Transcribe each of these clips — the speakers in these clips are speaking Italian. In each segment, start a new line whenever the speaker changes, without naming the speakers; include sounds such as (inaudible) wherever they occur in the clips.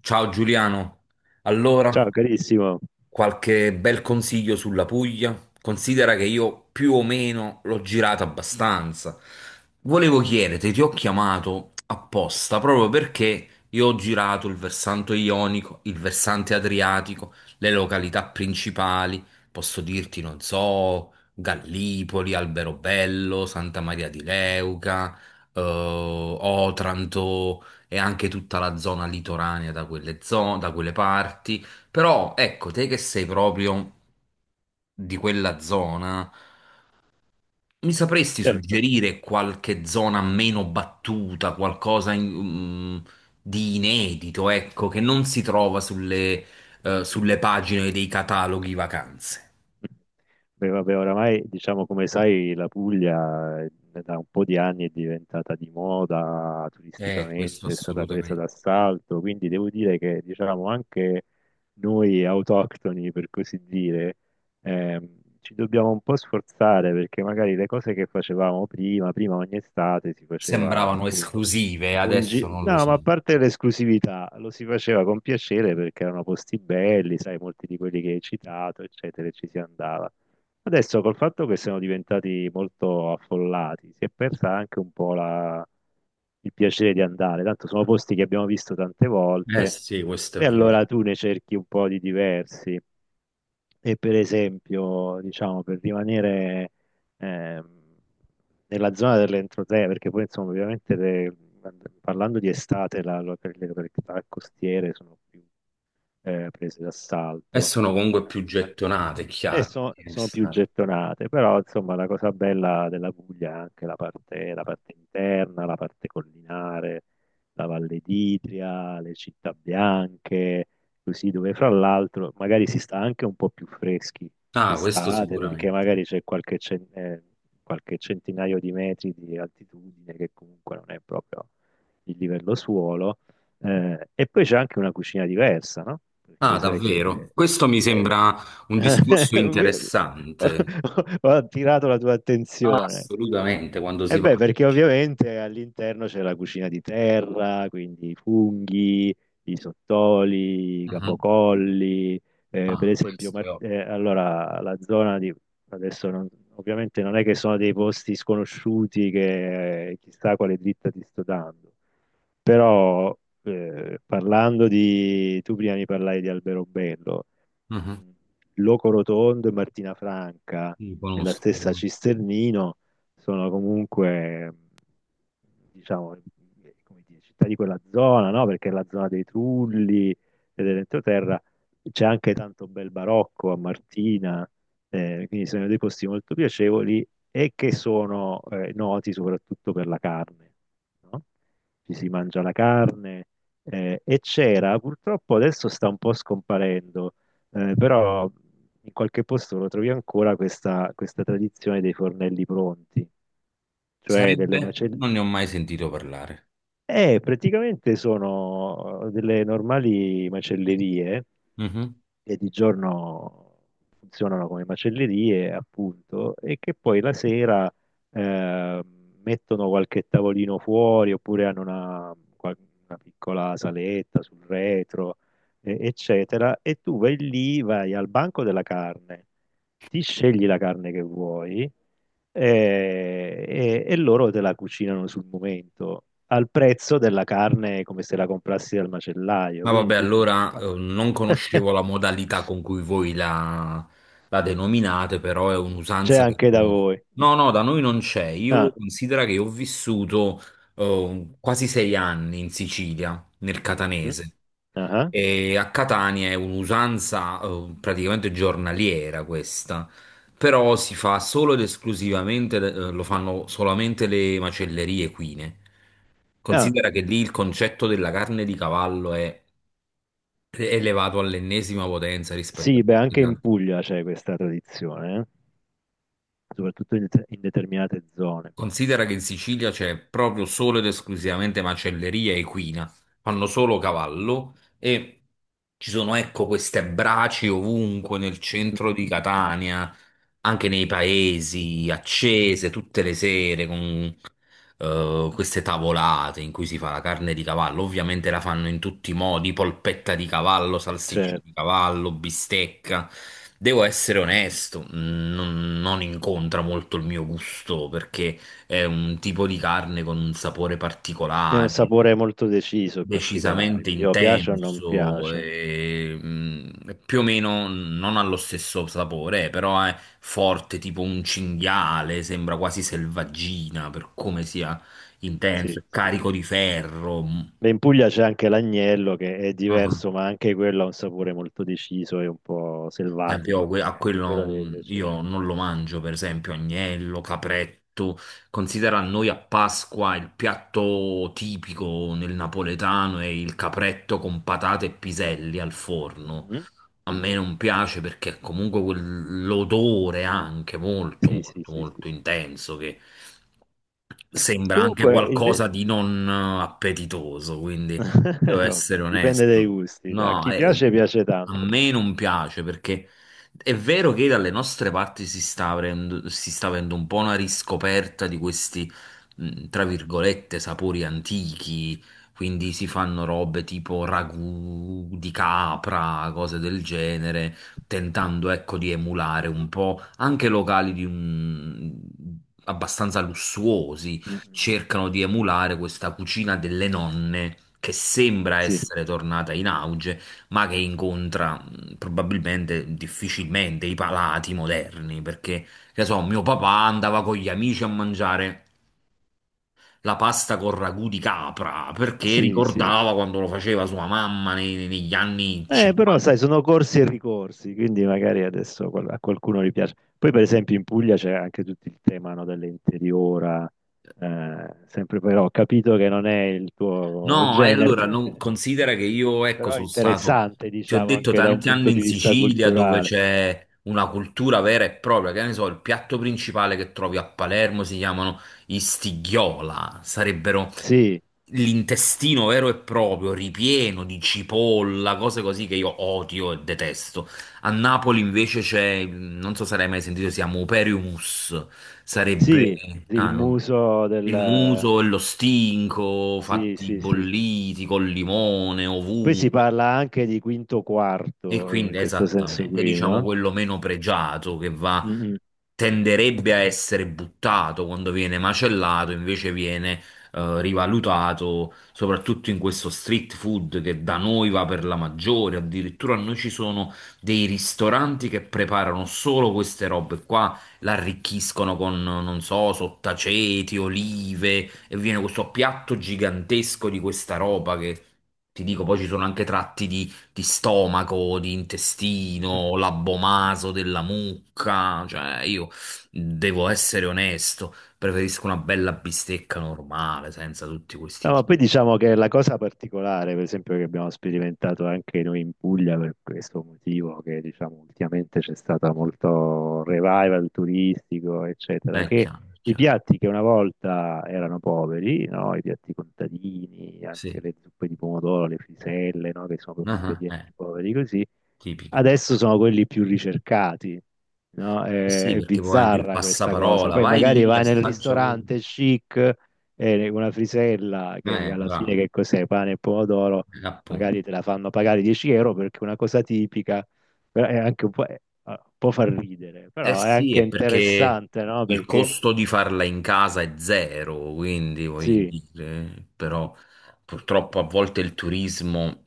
Ciao Giuliano, allora
Ciao carissimo.
qualche bel consiglio sulla Puglia? Considera che io più o meno l'ho girato abbastanza. Volevo chiederti, ti ho chiamato apposta proprio perché io ho girato il versante ionico, il versante adriatico, le località principali, posso dirti, non so, Gallipoli, Alberobello, Santa Maria di Leuca, Otranto e anche tutta la zona litoranea da quelle zone, da quelle parti. Però ecco, te che sei proprio di quella zona, mi sapresti
Certo.
suggerire qualche zona meno battuta, di inedito, ecco, che non si trova sulle pagine dei cataloghi vacanze?
Beh, vabbè, oramai diciamo come sai la Puglia da un po' di anni è diventata di moda
Questo
turisticamente, è stata presa
assolutamente.
d'assalto, quindi devo dire che diciamo anche noi autoctoni per così dire ci dobbiamo un po' sforzare perché magari le cose che facevamo prima ogni estate si faceva
Sembravano
appunto…
esclusive, adesso non lo
No,
so.
ma a parte l'esclusività, lo si faceva con piacere perché erano posti belli, sai, molti di quelli che hai citato, eccetera, e ci si andava. Adesso col fatto che siamo diventati molto affollati, si è persa anche un po' la… il piacere di andare, tanto sono posti che abbiamo visto tante
Eh
volte
sì, questo è
e
vero.
allora tu ne cerchi un po' di diversi. E per esempio, diciamo, per rimanere ehm, nella zona dell'entroterra, perché poi insomma ovviamente le… parlando di estate le località costiere sono più prese
E
d'assalto.
sono comunque più gettonate, è chiaro.
Sono più gettonate, però insomma la cosa bella della Puglia è anche la parte interna, la parte collinare, la Valle d'Itria, le città bianche, così dove fra l'altro magari si sta anche un po' più freschi
Ah, questo
d'estate perché
sicuramente.
magari c'è qualche centinaio di metri di altitudine che comunque non è proprio il livello suolo. E poi c'è anche una cucina diversa, no?
Ah,
Perché sai
davvero?
che…
Questo mi
eh,
sembra un discorso
(laughs) Ho
interessante.
ho attirato la tua
Ah,
attenzione.
assolutamente, quando si
E beh,
parla
perché
di...
ovviamente all'interno c'è la cucina di terra, quindi i funghi, i sottoli, i
Mhm.
capocolli, per
Ah,
esempio,
questo è ovvio.
Allora la zona di… adesso non… ovviamente non è che sono dei posti sconosciuti che chissà quale dritta ti sto dando, però parlando di… tu prima mi parlai di Alberobello,
Mhm.
mh, Loco Rotondo e Martina Franca,
Sì,
nella
conosco.
stessa Cisternino, sono comunque, diciamo, come dire, città di quella zona, no? Perché è la zona dei Trulli e dell'entroterra, c'è anche tanto bel barocco a Martina, quindi sono dei posti molto piacevoli e che sono noti soprattutto per la carne, no? Ci si mangia la carne e c'era, purtroppo adesso sta un po' scomparendo, però in qualche posto lo trovi ancora questa tradizione dei fornelli pronti, cioè delle
Sarebbe?
macellerie.
Non ne ho mai sentito parlare.
Praticamente sono delle normali macellerie
Mhm.
che di giorno funzionano come macellerie, appunto, e che poi la sera eh, mettono qualche tavolino fuori oppure hanno una piccola saletta sul retro, eccetera, e tu vai lì, vai al banco della carne, ti scegli la carne che vuoi e loro te la cucinano sul momento, al prezzo della carne come se la comprassi dal macellaio.
Ma
Quindi
vabbè,
tu dici,
allora
ma…
non
(laughs)
conoscevo la modalità con cui voi la, la denominate, però è
c'è
un'usanza che
anche da
conosco.
voi.
No, no, da noi non c'è. Io
Ah.
considero che ho vissuto quasi sei anni in Sicilia, nel
Mhm.
catanese.
Ah,
E a Catania è un'usanza praticamente giornaliera questa, però si fa solo ed esclusivamente, lo fanno solamente le macellerie equine.
ah.
Considera che lì il concetto della carne di cavallo è elevato all'ennesima potenza rispetto a
Sì, beh,
tutti
anche
gli
in
altri.
Puglia c'è questa tradizione, soprattutto in, in determinate zone.
Considera che in Sicilia c'è proprio solo ed esclusivamente macelleria equina, fanno solo cavallo e ci sono, ecco, queste braci ovunque nel centro di
(laughs)
Catania, anche nei paesi, accese tutte le sere con queste tavolate in cui si fa la carne di cavallo. Ovviamente la fanno in tutti i modi, polpetta di cavallo, salsiccia
Cioè,
di cavallo, bistecca. Devo essere onesto, non, non incontra molto il mio gusto perché è un tipo di carne con un sapore
è un
particolare,
sapore molto deciso e particolare,
decisamente
quindi o piace o non
intenso,
piace.
e, più o meno non ha lo stesso sapore, però è forte, tipo un cinghiale, sembra quasi selvaggina per come sia
Sì,
intenso,
sì,
carico
sì.
di ferro.
Beh, in Puglia c'è anche l'agnello che è
Mm.
diverso, ma anche quello ha un sapore molto deciso e un po'
Per esempio, io
selvatico,
que-
quindi
a
anche quello
quello
deve
mm,
piacere.
io non lo mangio, per esempio, agnello, capretto. Considera noi a Pasqua il piatto tipico nel napoletano è il capretto con patate e piselli al forno.
Mhm.
A me non piace perché comunque quell'odore anche molto,
Sì, sì,
molto,
sì, sì,
molto
sì.
intenso che sembra anche
Comunque, inve-
qualcosa di non appetitoso, quindi devo
(laughs)
essere
vabbè, dipende dai
onesto.
gusti, a
No,
chi piace piace
a
tanto.
me non piace perché è vero che dalle nostre parti si sta avendo un po' una riscoperta di questi, tra virgolette, sapori antichi, quindi si fanno robe tipo ragù di capra, cose del genere, tentando ecco di emulare un po' anche locali di un- abbastanza lussuosi,
Mhm.
cercano di emulare questa cucina delle nonne che sembra
Sì,
essere tornata in auge, ma che incontra probabilmente difficilmente i palati moderni, perché che so, mio papà andava con gli amici a mangiare la pasta con ragù di capra perché
sì, sì.
ricordava quando lo faceva sua mamma nei- negli anni
Però
50.
sai, sono corsi e ricorsi, quindi magari adesso a qualcuno gli piace. Poi, per esempio, in Puglia c'è anche tutto il tema, no, dell'interiora, sempre però ho capito che non è il tuo
No, e
genere,
allora non,
(laughs)
considera che io, ecco,
però è
sono stato,
interessante,
ti ho
diciamo,
detto,
anche da un
tanti anni
punto
in
di vista
Sicilia dove
culturale.
c'è una cultura vera e propria, che ne so, il piatto principale che trovi a Palermo si chiamano i stighiola, sarebbero
Sì,
l'intestino vero e proprio, ripieno di cipolla, cose così che io odio e detesto. A Napoli invece c'è, non so se l'hai mai sentito, si chiama operiumus,
sì,
sarebbe
il muso
il
del…
muso e lo stinco
Sì,
fatti
sì, sì, sì.
bolliti col limone
Poi si
ovunque.
parla anche di quinto
E
quarto, in
quindi
questo senso
esattamente,
qui,
diciamo
no?
quello meno pregiato che va,
Mm, mm.
tenderebbe a essere buttato quando viene macellato, invece viene rivalutato, soprattutto in questo street food che da noi va per la maggiore. Addirittura noi ci sono dei ristoranti che preparano solo queste robe qua, l'arricchiscono con, non so, sottaceti, olive, e viene questo piatto gigantesco di questa roba che ti dico, poi ci sono anche tratti di stomaco, di intestino, l'abbomaso della mucca, cioè io devo essere onesto, preferisco una bella bistecca normale, senza tutti questi
No, ma poi
giri.
diciamo che la cosa particolare, per esempio, che abbiamo sperimentato anche noi in Puglia per questo motivo, che diciamo ultimamente c'è stato molto revival turistico, eccetera, che
È
i
chiaro,
piatti che una volta erano poveri, no? I piatti contadini, anche
sì.
le zuppe di pomodoro, le friselle, no? Che sono proprio
Ah, ah,
ingredienti poveri così,
tipiche.
adesso sono quelli più ricercati, no?
Eh sì,
È
perché poi anche il
bizzarra questa cosa.
passaparola,
Poi
vai
magari
lì,
vai nel
assaggia quello.
ristorante chic e una frisella che alla fine
Bravo,
che cos'è? Pane e pomodoro,
appunto.
magari te la fanno pagare 10 euro perché è una cosa tipica, però è anche un po', può far ridere,
Eh
però è
sì,
anche
è perché
interessante, no?
il
Perché
costo di farla in casa è zero, quindi voglio
sì,
dire, però purtroppo a volte il turismo,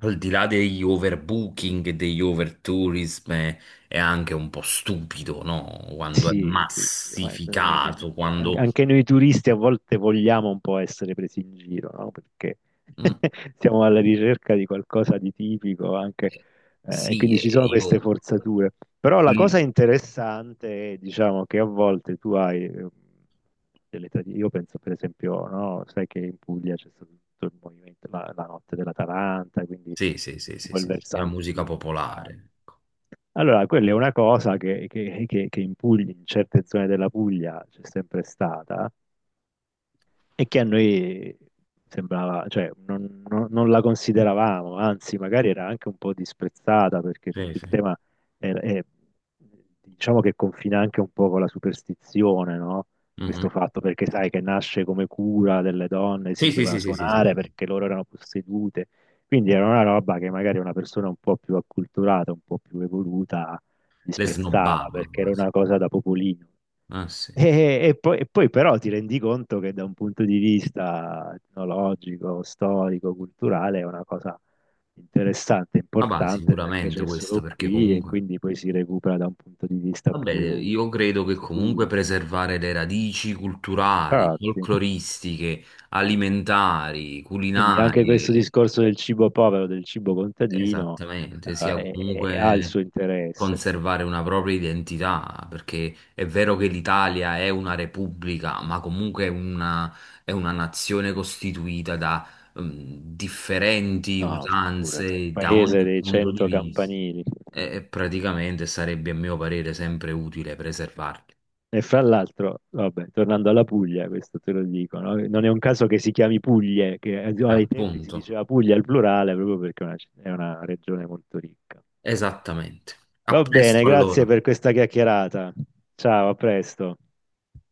al di là degli overbooking e degli overtourism, è anche un po' stupido, no? Quando è
sì, sì, sì, ma
massificato, quando...
anche noi turisti a volte vogliamo un po' essere presi in giro, no? Perché
Mm,
(laughs) siamo alla ricerca di qualcosa di tipico anche,
eh,
e
sì,
quindi ci sono queste
io...
forzature. Però la cosa
il-
interessante è, diciamo, che a volte tu hai delle tradizioni. Io penso, per esempio, no? Sai che in Puglia c'è stato tutto il movimento, la notte della Taranta, quindi
Sì, sì, sì, sì,
quel
sì, sì, la
versante
musica
lì.
popolare, ecco.
Allora, quella è una cosa che, che in Puglia, in certe zone della Puglia c'è sempre stata, e che a noi sembrava, cioè non la consideravamo, anzi magari era anche un po' disprezzata perché
Sì,
tutto il
sì.
tema è, è- diciamo che confina anche un po' con la superstizione, no?
Mhm.
Questo fatto perché sai che nasce come cura delle donne, si
Sì, sì,
doveva
sì, sì, sì, sì,
suonare
sì, sì.
perché loro erano possedute, quindi era una roba che magari una persona un po' più acculturata, un po' più evoluta
Le
disprezzava
snobbava
perché era
quasi.
una cosa da popolino.
Ah, sì.
E poi però ti rendi conto che da un punto di vista etnologico, storico, culturale è una cosa interessante,
Ah, bah,
importante perché
sicuramente
c'è
questo
solo
perché
qui e
comunque,
quindi poi si recupera da un punto di vista
vabbè,
più
io credo
di
che comunque
studio.
preservare le radici culturali,
Infatti,
folcloristiche, alimentari, mm,
quindi anche questo
culinarie,
discorso del cibo povero, del cibo contadino,
esattamente, sia
è… ha il
comunque
suo interesse.
conservare una propria identità, perché è vero che l'Italia è una repubblica, ma comunque è una nazione costituita da differenti
No, figurati,
usanze da
paese
ogni
dei
punto di
cento
vista
campanili.
e praticamente sarebbe, a mio parere, sempre utile preservarle.
E fra l'altro, vabbè, tornando alla Puglia, questo te lo dico, no? Non è un caso che si chiami Puglie, che ai tempi si
Appunto,
diceva Puglia al plurale proprio perché è una, è una regione molto ricca.
esattamente. A
Va bene,
presto
grazie
allora.
per questa chiacchierata. Ciao, a presto.